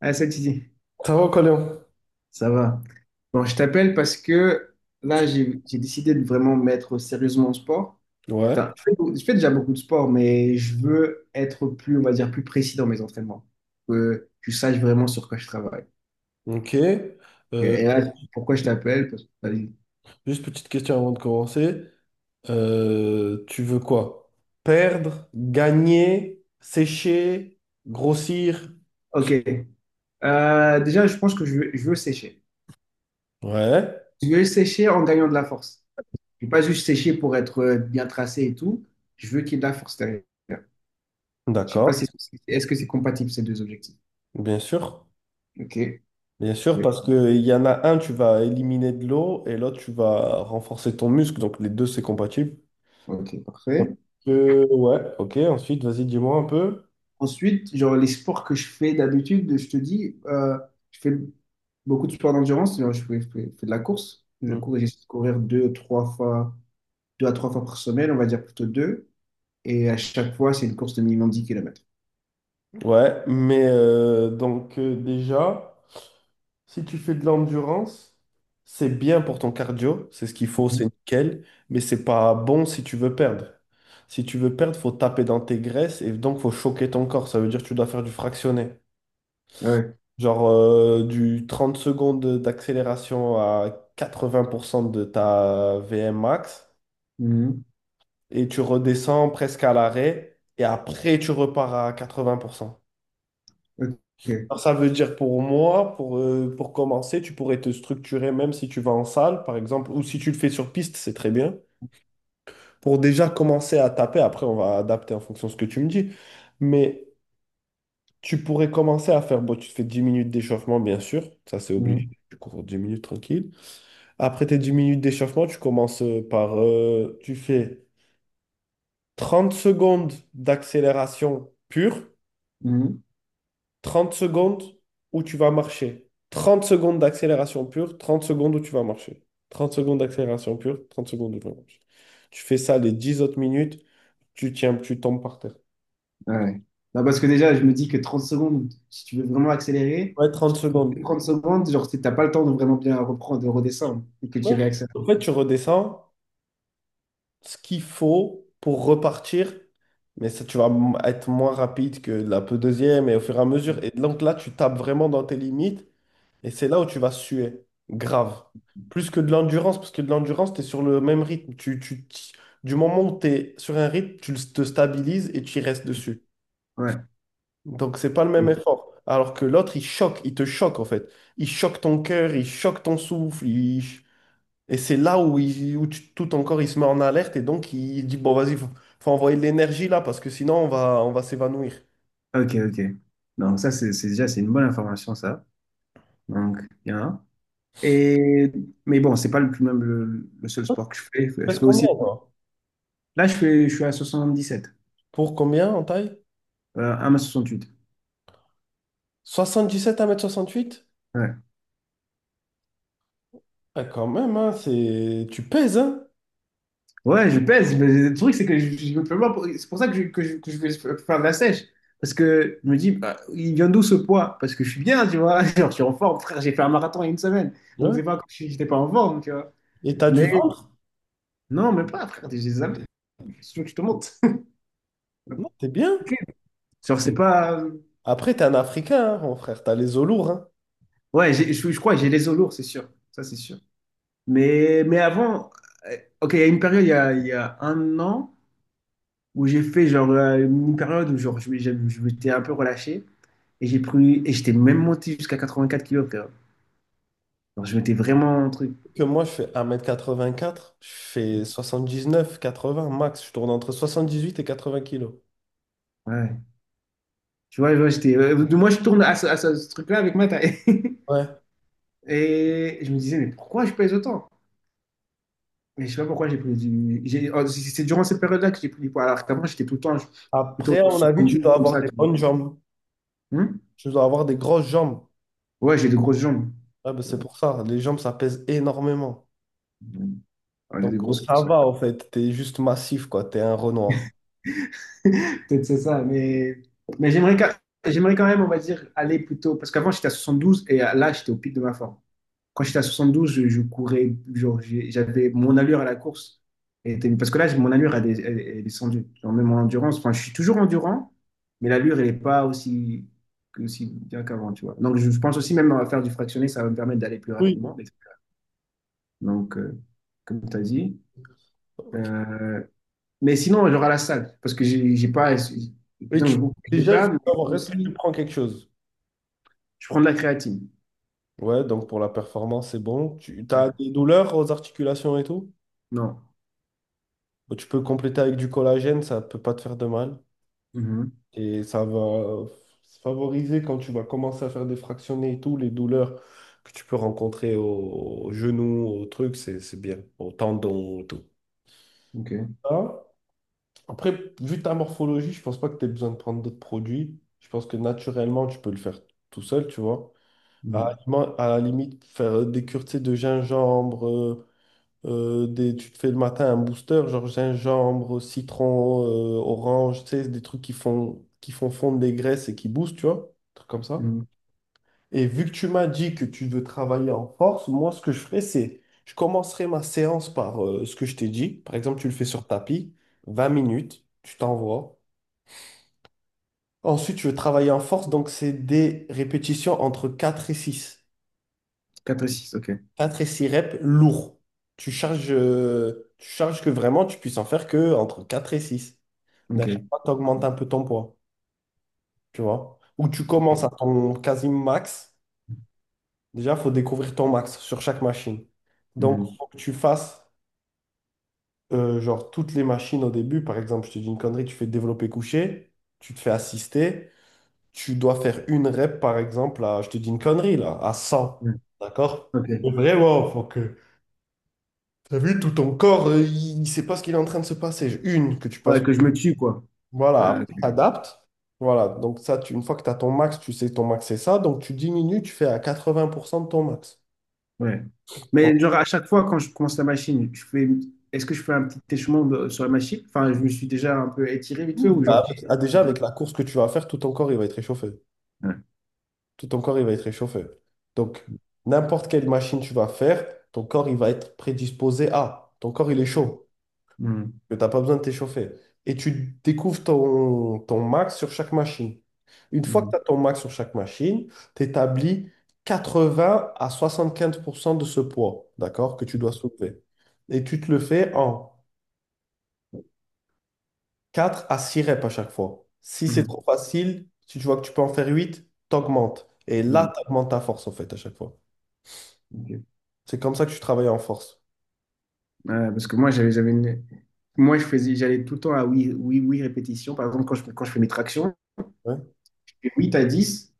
Ah, ça, tu Ça va, Colin? Ça va. Bon, je t'appelle parce que là, j'ai décidé de vraiment mettre sérieusement au sport. Enfin, Ouais, je fais déjà beaucoup de sport, mais je veux être plus, on va dire, plus précis dans mes entraînements. Que tu saches vraiment sur quoi je travaille. ok. Ok. Euh, Et là, pourquoi je t'appelle? Parce que- vas-y. Juste petite question avant de commencer. Tu veux quoi? Perdre, gagner, sécher, grossir? Ok. Déjà, je pense que je veux sécher. Ouais, Je veux sécher en gagnant de la force. Je ne veux pas juste sécher pour être bien tracé et tout. Je veux qu'il y ait de la force derrière. Je sais pas d'accord, si est-ce que c'est compatible ces deux objectifs. bien sûr. Ok, Bien sûr, parfait. parce que il y en a un, tu vas éliminer de l'eau et l'autre, tu vas renforcer ton muscle. Donc les deux, c'est compatible. Ok, parfait. Ouais, ok. Ensuite, vas-y, dis-moi un peu. Ensuite, genre les sports que je fais d'habitude, je te dis, je fais beaucoup de sports d'endurance, genre je fais de la course. Je Mm. cours, j'essaie de courir deux à trois fois par semaine, on va dire plutôt deux. Et à chaque fois, c'est une course de minimum 10 kilomètres. Ouais, mais donc déjà. Si tu fais de l'endurance, c'est bien pour ton cardio, c'est ce qu'il faut, c'est nickel, mais c'est pas bon si tu veux perdre. Si tu veux perdre, faut taper dans tes graisses et donc faut choquer ton corps. Ça veut dire que tu dois faire du fractionné. Ouais. Genre du 30 secondes d'accélération à 80% de ta VM max Mhm. et tu redescends presque à l'arrêt et après tu repars à 80%. Ok. Alors, ça veut dire pour moi, pour commencer, tu pourrais te structurer même si tu vas en salle, par exemple, ou si tu le fais sur piste, c'est très bien. Pour déjà commencer à taper, après on va adapter en fonction de ce que tu me dis. Mais tu pourrais commencer à faire, bon, tu te fais 10 minutes d'échauffement, bien sûr, ça c'est obligé. Mhm. Tu cours 10 minutes tranquille. Après tes 10 minutes d'échauffement, tu commences tu fais 30 secondes d'accélération pure. Mhm. 30 secondes où tu vas marcher. 30 secondes d'accélération pure, trente secondes où tu vas marcher. 30 secondes d'accélération pure, trente secondes où tu vas marcher. Tu fais ça les 10 autres minutes, tu tiens, tu tombes par terre. Ouais. Non, parce que déjà, je me dis que 30 secondes, si tu veux vraiment accélérer, Ouais, je 30 trouve secondes. que 30 secondes, genre, t'as pas le temps de vraiment bien reprendre, de redescendre et que tu réaccélères. En fait, tu redescends ce qu'il faut pour repartir, mais ça, tu vas être moins rapide que la peu deuxième et au fur et à mesure. Et donc là, tu tapes vraiment dans tes limites. Et c'est là où tu vas suer, grave. Plus que de l'endurance, parce que de l'endurance, tu es sur le même rythme. Du moment où tu es sur un rythme, te stabilises et tu y restes dessus. Ouais. Donc, c'est pas le même effort. Alors que l'autre, il choque, il te choque en fait. Il choque ton cœur, il choque ton souffle. Et c'est là où, où tout ton corps, il se met en alerte et donc il dit, bon, vas-y, faut envoyer de l'énergie là, parce que sinon, on va s'évanouir. Ok, ok. Donc ça, c'est une bonne information, ça. Donc, bien. Et, mais bon, c'est pas le seul sport que je fais. Je Pèse fais combien, aussi. toi? Là, je suis à 77. Pour combien en taille? 1 soixante huit. 77 à 1,68 m. Ouais. Ah, quand même, hein, tu pèses, hein? Ouais, je pèse. Mais le truc, c'est que je me fais pas pour- C'est pour ça que que je vais faire de la sèche. Parce que je me dis, bah, il vient d'où ce poids? Parce que je suis bien, tu vois. Genre, je suis en forme, frère. J'ai fait un marathon il y a une semaine. Donc, Ouais. c'est pas comme si j'étais pas en forme, tu vois. Et t'as du Mais ventre? non, mais pas, frère. J'ai des abdos. Je te montre. Non, t'es bien. Genre, c'est pas. Après, t'es un Africain, hein, mon frère, t'as les os lourds, hein. Ouais, je crois que j'ai les os lourds, c'est sûr. Ça, c'est sûr. Mais avant, euh, ok, il y a une période, il y a un an, où j'ai fait une période où genre, je m'étais un peu relâché et j'étais même monté jusqu'à 84 kilos, frère. Genre, je m'étais vraiment un truc. Que moi, je fais 1,84 m, je fais 79 80 max, je tourne entre 78 et 80 kilos. Ouais. Tu vois, ouais, moi, je tourne à ce truc-là avec ma taille. Ouais. Et je me disais, mais pourquoi je pèse autant? Mais je sais pas pourquoi j'ai pris du. Oh, c'est durant cette période-là que j'ai pris du poids. Alors qu'avant, j'étais tout le temps plutôt Après, à mon sur avis, tu 72 dois comme avoir ça, des tu vois. bonnes jambes. Hmm. Tu dois avoir des grosses jambes. Ouais, j'ai des grosses jambes. Ouais, ben, Mais c'est bon. pour ça, les jambes, ça pèse énormément. Ouais, j'ai Donc, des grosses ça cuisses, ouais. va, en fait, t'es juste massif, quoi, t'es un Renoir. Peut-être c'est ça, mais j'aimerais quand même, on va dire, aller plutôt. Parce qu'avant, j'étais à 72 et là, j'étais au pic de ma forme. Quand j'étais à 72, je courais, genre, j'avais mon allure à la course. Parce que là, mon allure, elle est descendue. Genre, même en endurance, enfin, je suis toujours endurant, mais l'allure, elle n'est pas aussi bien qu'avant, tu vois. Donc, je pense aussi, même à faire du fractionné, ça va me permettre d'aller plus Oui. rapidement. Donc, comme tu as dit. Ok. Euh, Mais sinon, j'aurai la salle, parce que j'ai pas. Et Donc, je déjà, je veux parle, mais savoir, est-ce que tu aussi, prends quelque chose? je prends de la créatine. Ouais, donc pour la performance, c'est bon. Tu Ouais. as des douleurs aux articulations et tout? Non. Bah, tu peux compléter avec du collagène, ça peut pas te faire de mal. Mhm. Et ça va favoriser quand tu vas commencer à faire des fractionnés et tout, les douleurs que tu peux rencontrer au genou, au truc, c'est bien, au tendon, au tout. OK. Ah, après, vu ta morphologie, je pense pas que tu aies besoin de prendre d'autres produits. Je pense que naturellement, tu peux le faire tout seul, tu vois. À, la Mhm. limi- à la limite, faire des cures, tu sais, de gingembre. Tu te fais le matin un booster, genre gingembre, citron, orange, tu sais, des trucs qui font fondre des graisses et qui boostent, tu vois, des trucs comme ça. Mhm. Et vu que tu m'as dit que tu veux travailler en force, moi, ce que je ferais, c'est, je commencerai ma séance par ce que je t'ai dit. Par exemple, tu le fais sur tapis, 20 minutes, tu t'envoies. Ensuite, tu veux travailler en force, donc c'est des répétitions entre 4 et 6. 4 et six. OK. 4 et 6 reps, lourds. Tu charges que vraiment tu puisses en faire que entre 4 et 6. À OK. chaque fois, tu augmentes un peu ton poids, tu vois. Ou tu OK. commences à ton quasi max. Déjà, il faut découvrir ton max sur chaque machine. Donc, il Mhm. faut que tu fasses genre toutes les machines au début. Par exemple, je te dis une connerie, tu fais développer couché, tu te fais assister. Tu dois faire une rep, par exemple, à, je te dis une connerie, là, à 100. Mhm. D'accord? OK. Vraiment, faut que. T'as vu, tout ton corps, il ne sait pas ce qu'il est en train de se passer. Une que tu passes, Ouais, que je me tue, quoi. voilà, Ok. après t'adaptes. Voilà, donc ça, une fois que tu as ton max, tu sais que ton max c'est ça, donc tu diminues, tu fais à 80% de ton max. Ouais. Donc, Mais genre, à chaque fois, quand je commence la machine, est-ce que je fais un petit échauffement sur la machine? Enfin, je me suis déjà un peu étiré vite fait, ou genre. bah, déjà, j'ai- avec la course que tu vas faire, tout ton corps, il va être réchauffé. Ouais. Tout ton corps, il va être réchauffé. Donc, n'importe quelle machine tu vas faire, ton corps, il va être prédisposé à. Ton corps, il est chaud. Mhm. Que tu n'as pas besoin de t'échauffer. Et tu découvres ton max sur chaque machine. Une fois que Mhm. tu as ton max sur chaque machine, tu établis 80 à 75% de ce poids, d'accord, que tu dois soulever. Et tu te le fais en 4 à 6 reps à chaque fois. Si c'est trop Mhm. facile, si tu vois que tu peux en faire 8, t'augmentes. Et Mhm. là, tu augmentes ta force, en fait, à chaque fois. Ok. C'est comme ça que tu travailles en force. Ouais, parce que moi, moi je faisais, j'allais tout le temps à oui, oui, oui, répétition. Par exemple, quand je fais mes tractions, Ouais. je fais 8 à dix.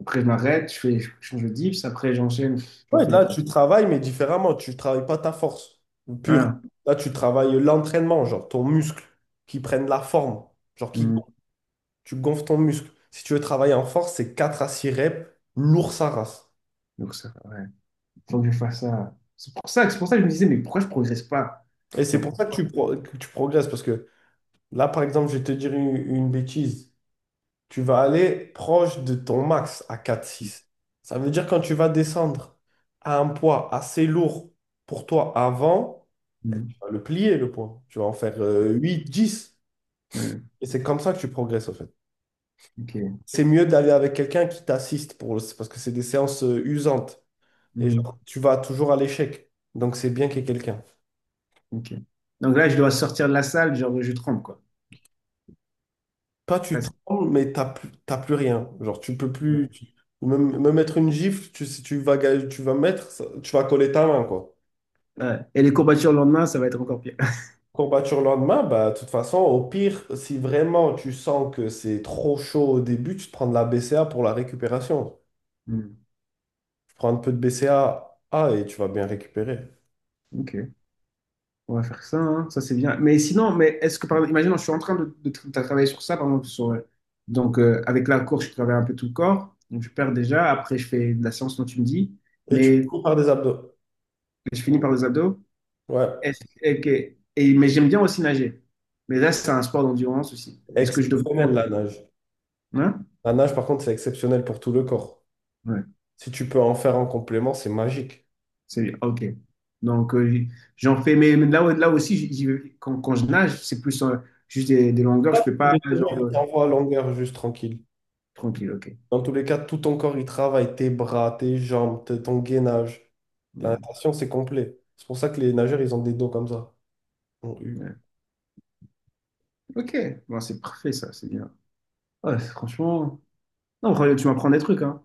Après, je m'arrête, je change de dips. Après, j'enchaîne, je Ouais, refais les là, tu tractions. travailles, mais différemment. Tu travailles pas ta force pure. Ah, Là, tu travailles l'entraînement, genre ton muscle, qui prenne la forme, genre qui hmm. gonfle. Tu gonfles ton muscle. Si tu veux travailler en force, c'est 4 à 6 reps, lourd sa race. Donc, ça, ouais. Faut que je fasse ça. C'est pour ça que je me disais, mais pourquoi je progresse pas? Et c'est Genre, pour pour- ça que tu progresses, parce que là, par exemple, je vais te dire une bêtise. Tu vas aller proche de ton max à 4 6. Ça veut dire quand tu vas descendre à un poids assez lourd pour toi avant, Hmm. tu vas le plier le poids. Tu vas en faire 8 10. Ouais, Et c'est comme ça que tu progresses en fait. ok. C'est mieux d'aller avec quelqu'un qui t'assiste parce que c'est des séances usantes. Et genre, Mhm. tu vas toujours à l'échec. Donc c'est bien qu'il y ait quelqu'un. Ok. Donc là, je dois sortir de la salle, genre, je tremble, quoi. Toi, tu Presque. trembles, mais t'as plus rien. Genre, tu peux plus. Me mettre une gifle, si tu vas, tu vas mettre, tu vas coller ta main, quoi. Ouais. Et les courbatures le lendemain, ça va être encore pire. Courbature le lendemain, bah, de toute façon, au pire, si vraiment tu sens que c'est trop chaud au début, tu te prends de la BCA pour la récupération. Hmm. Tu prends un peu de BCA, et tu vas bien récupérer. Ok. On va faire ça, hein. Ça c'est bien. Mais sinon, est-ce que par exemple, imaginons, je suis en train travailler sur ça, par exemple, sur, donc avec la course, je travaille un peu tout le corps, donc je perds déjà. Après, je fais de la séance dont tu me dis, Et tu mais finis par des abdos. je finis par les abdos. Ouais. Est-ce- et, que- mais j'aime bien aussi nager. Mais là, c'est un sport d'endurance aussi. Est-ce que je devrais. Exceptionnel la nage. Hein? La nage, par contre, c'est exceptionnel pour tout le corps. Ouais, Si tu peux en faire en complément, c'est magique. c'est ok. Donc j'en fais, mais là, ouais, là aussi, quand je nage, c'est plus juste des longueurs, Là, je fais tu fais pas genre des tu envoies à longueur juste tranquille. tranquille, ok. Dans tous les cas, tout ton corps, il travaille. Tes bras, tes jambes, ton gainage. La Hmm, natation, c'est complet. C'est pour ça que les nageurs, ils ont des dos comme ça. En U. ouais. Ok, bon, c'est parfait ça, c'est bien. Ouais, franchement, non, Royal, tu m'apprends des trucs, hein.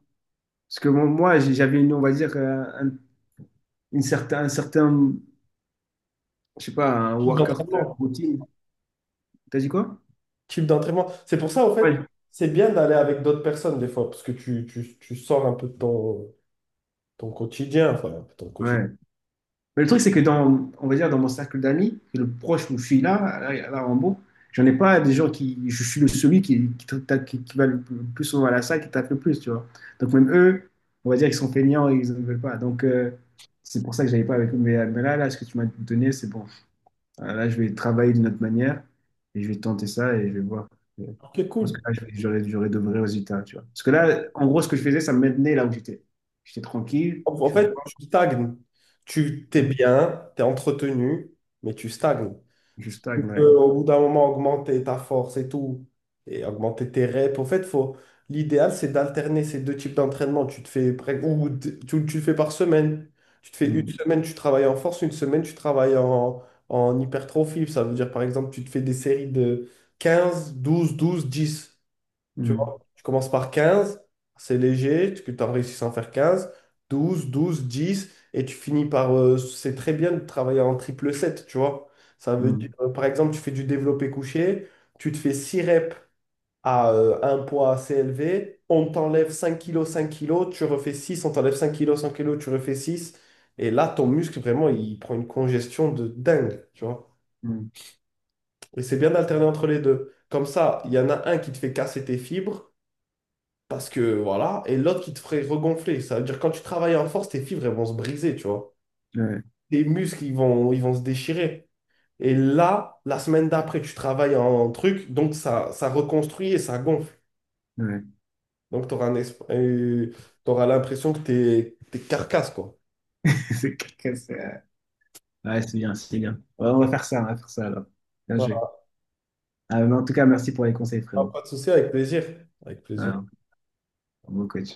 Parce que bon, moi, j'avais une, on va dire, un, un certain, je sais pas, un Type workout d'entraînement. routine. T'as dit quoi? Type d'entraînement. C'est pour ça, en fait, Ouais. c'est bien d'aller avec d'autres personnes des fois, parce que tu sors un peu de ton, quotidien, enfin, ton quotidien. Ouais. Mais le truc, c'est que dans, on va dire, dans mon cercle d'amis, le proche où je suis là, là, là, en bon, j'en ai pas des gens qui, je suis le celui qui, qui va le plus souvent à la salle, qui tape le plus, tu vois. Donc même eux, on va dire qu'ils sont feignants et ils ne veulent pas. Donc c'est pour ça que j'avais pas avec eux. Mais là, là, ce que tu m'as donné, c'est bon. Là, je vais travailler d'une autre manière et je vais tenter ça et je vais voir. Je Ok, pense cool. que là, je vais- j'aurai j'aurai de vrais résultats, tu vois. Parce que là, en gros, ce que je faisais, ça me maintenait là où j'étais. J'étais tranquille, En je en suis en fait, forme, tu stagnes. Tu t'es voilà. bien, t'es entretenu, mais tu stagnes. Je Si tu stagne, là. peux, au bout d'un moment, augmenter ta force et tout, et augmenter tes reps, en fait, faut. L'idéal, c'est d'alterner ces deux types d'entraînement. Tu te fais, tu le fais par semaine. Tu te fais une Mm, semaine, tu travailles en force, une semaine, tu travailles en hypertrophie. Ça veut dire, par exemple, tu te fais des séries de 15, 12, 12, 10. Tu mm, vois, tu commences par 15, c'est léger, tu en réussis sans faire 15 12 12 10 et tu finis par. C'est très bien de travailler en triple 7, tu vois. Ça veut dire, mm, par exemple, tu fais du développé couché, tu te fais 6 reps à un poids assez élevé, on t'enlève 5 kilos, 5 kilos, tu refais 6. On t'enlève 5 kilos, tu refais 6 et là, ton muscle, vraiment, il prend une congestion de dingue, tu vois. mm. Et c'est bien d'alterner entre les deux. Comme ça, il y en a un qui te fait casser tes fibres, parce que voilà, et l'autre qui te ferait regonfler. Ça veut dire quand tu travailles en force, tes fibres elles vont se briser, tu vois. Ouais, Tes muscles ils vont, se déchirer. Et là, la semaine d'après, tu travailles en truc, donc ça reconstruit et ça gonfle. ouais. Donc tu auras l'impression que t'es carcasse, quoi. C'est quelqu'un, ouais, c'est bien, c'est bien. Ouais, on va faire ça, on va faire ça alors. Bien joué. Voilà. Ah, mais en tout cas, merci pour les conseils, frérot. Pas de souci, avec plaisir. Avec plaisir. Alors, bon coach.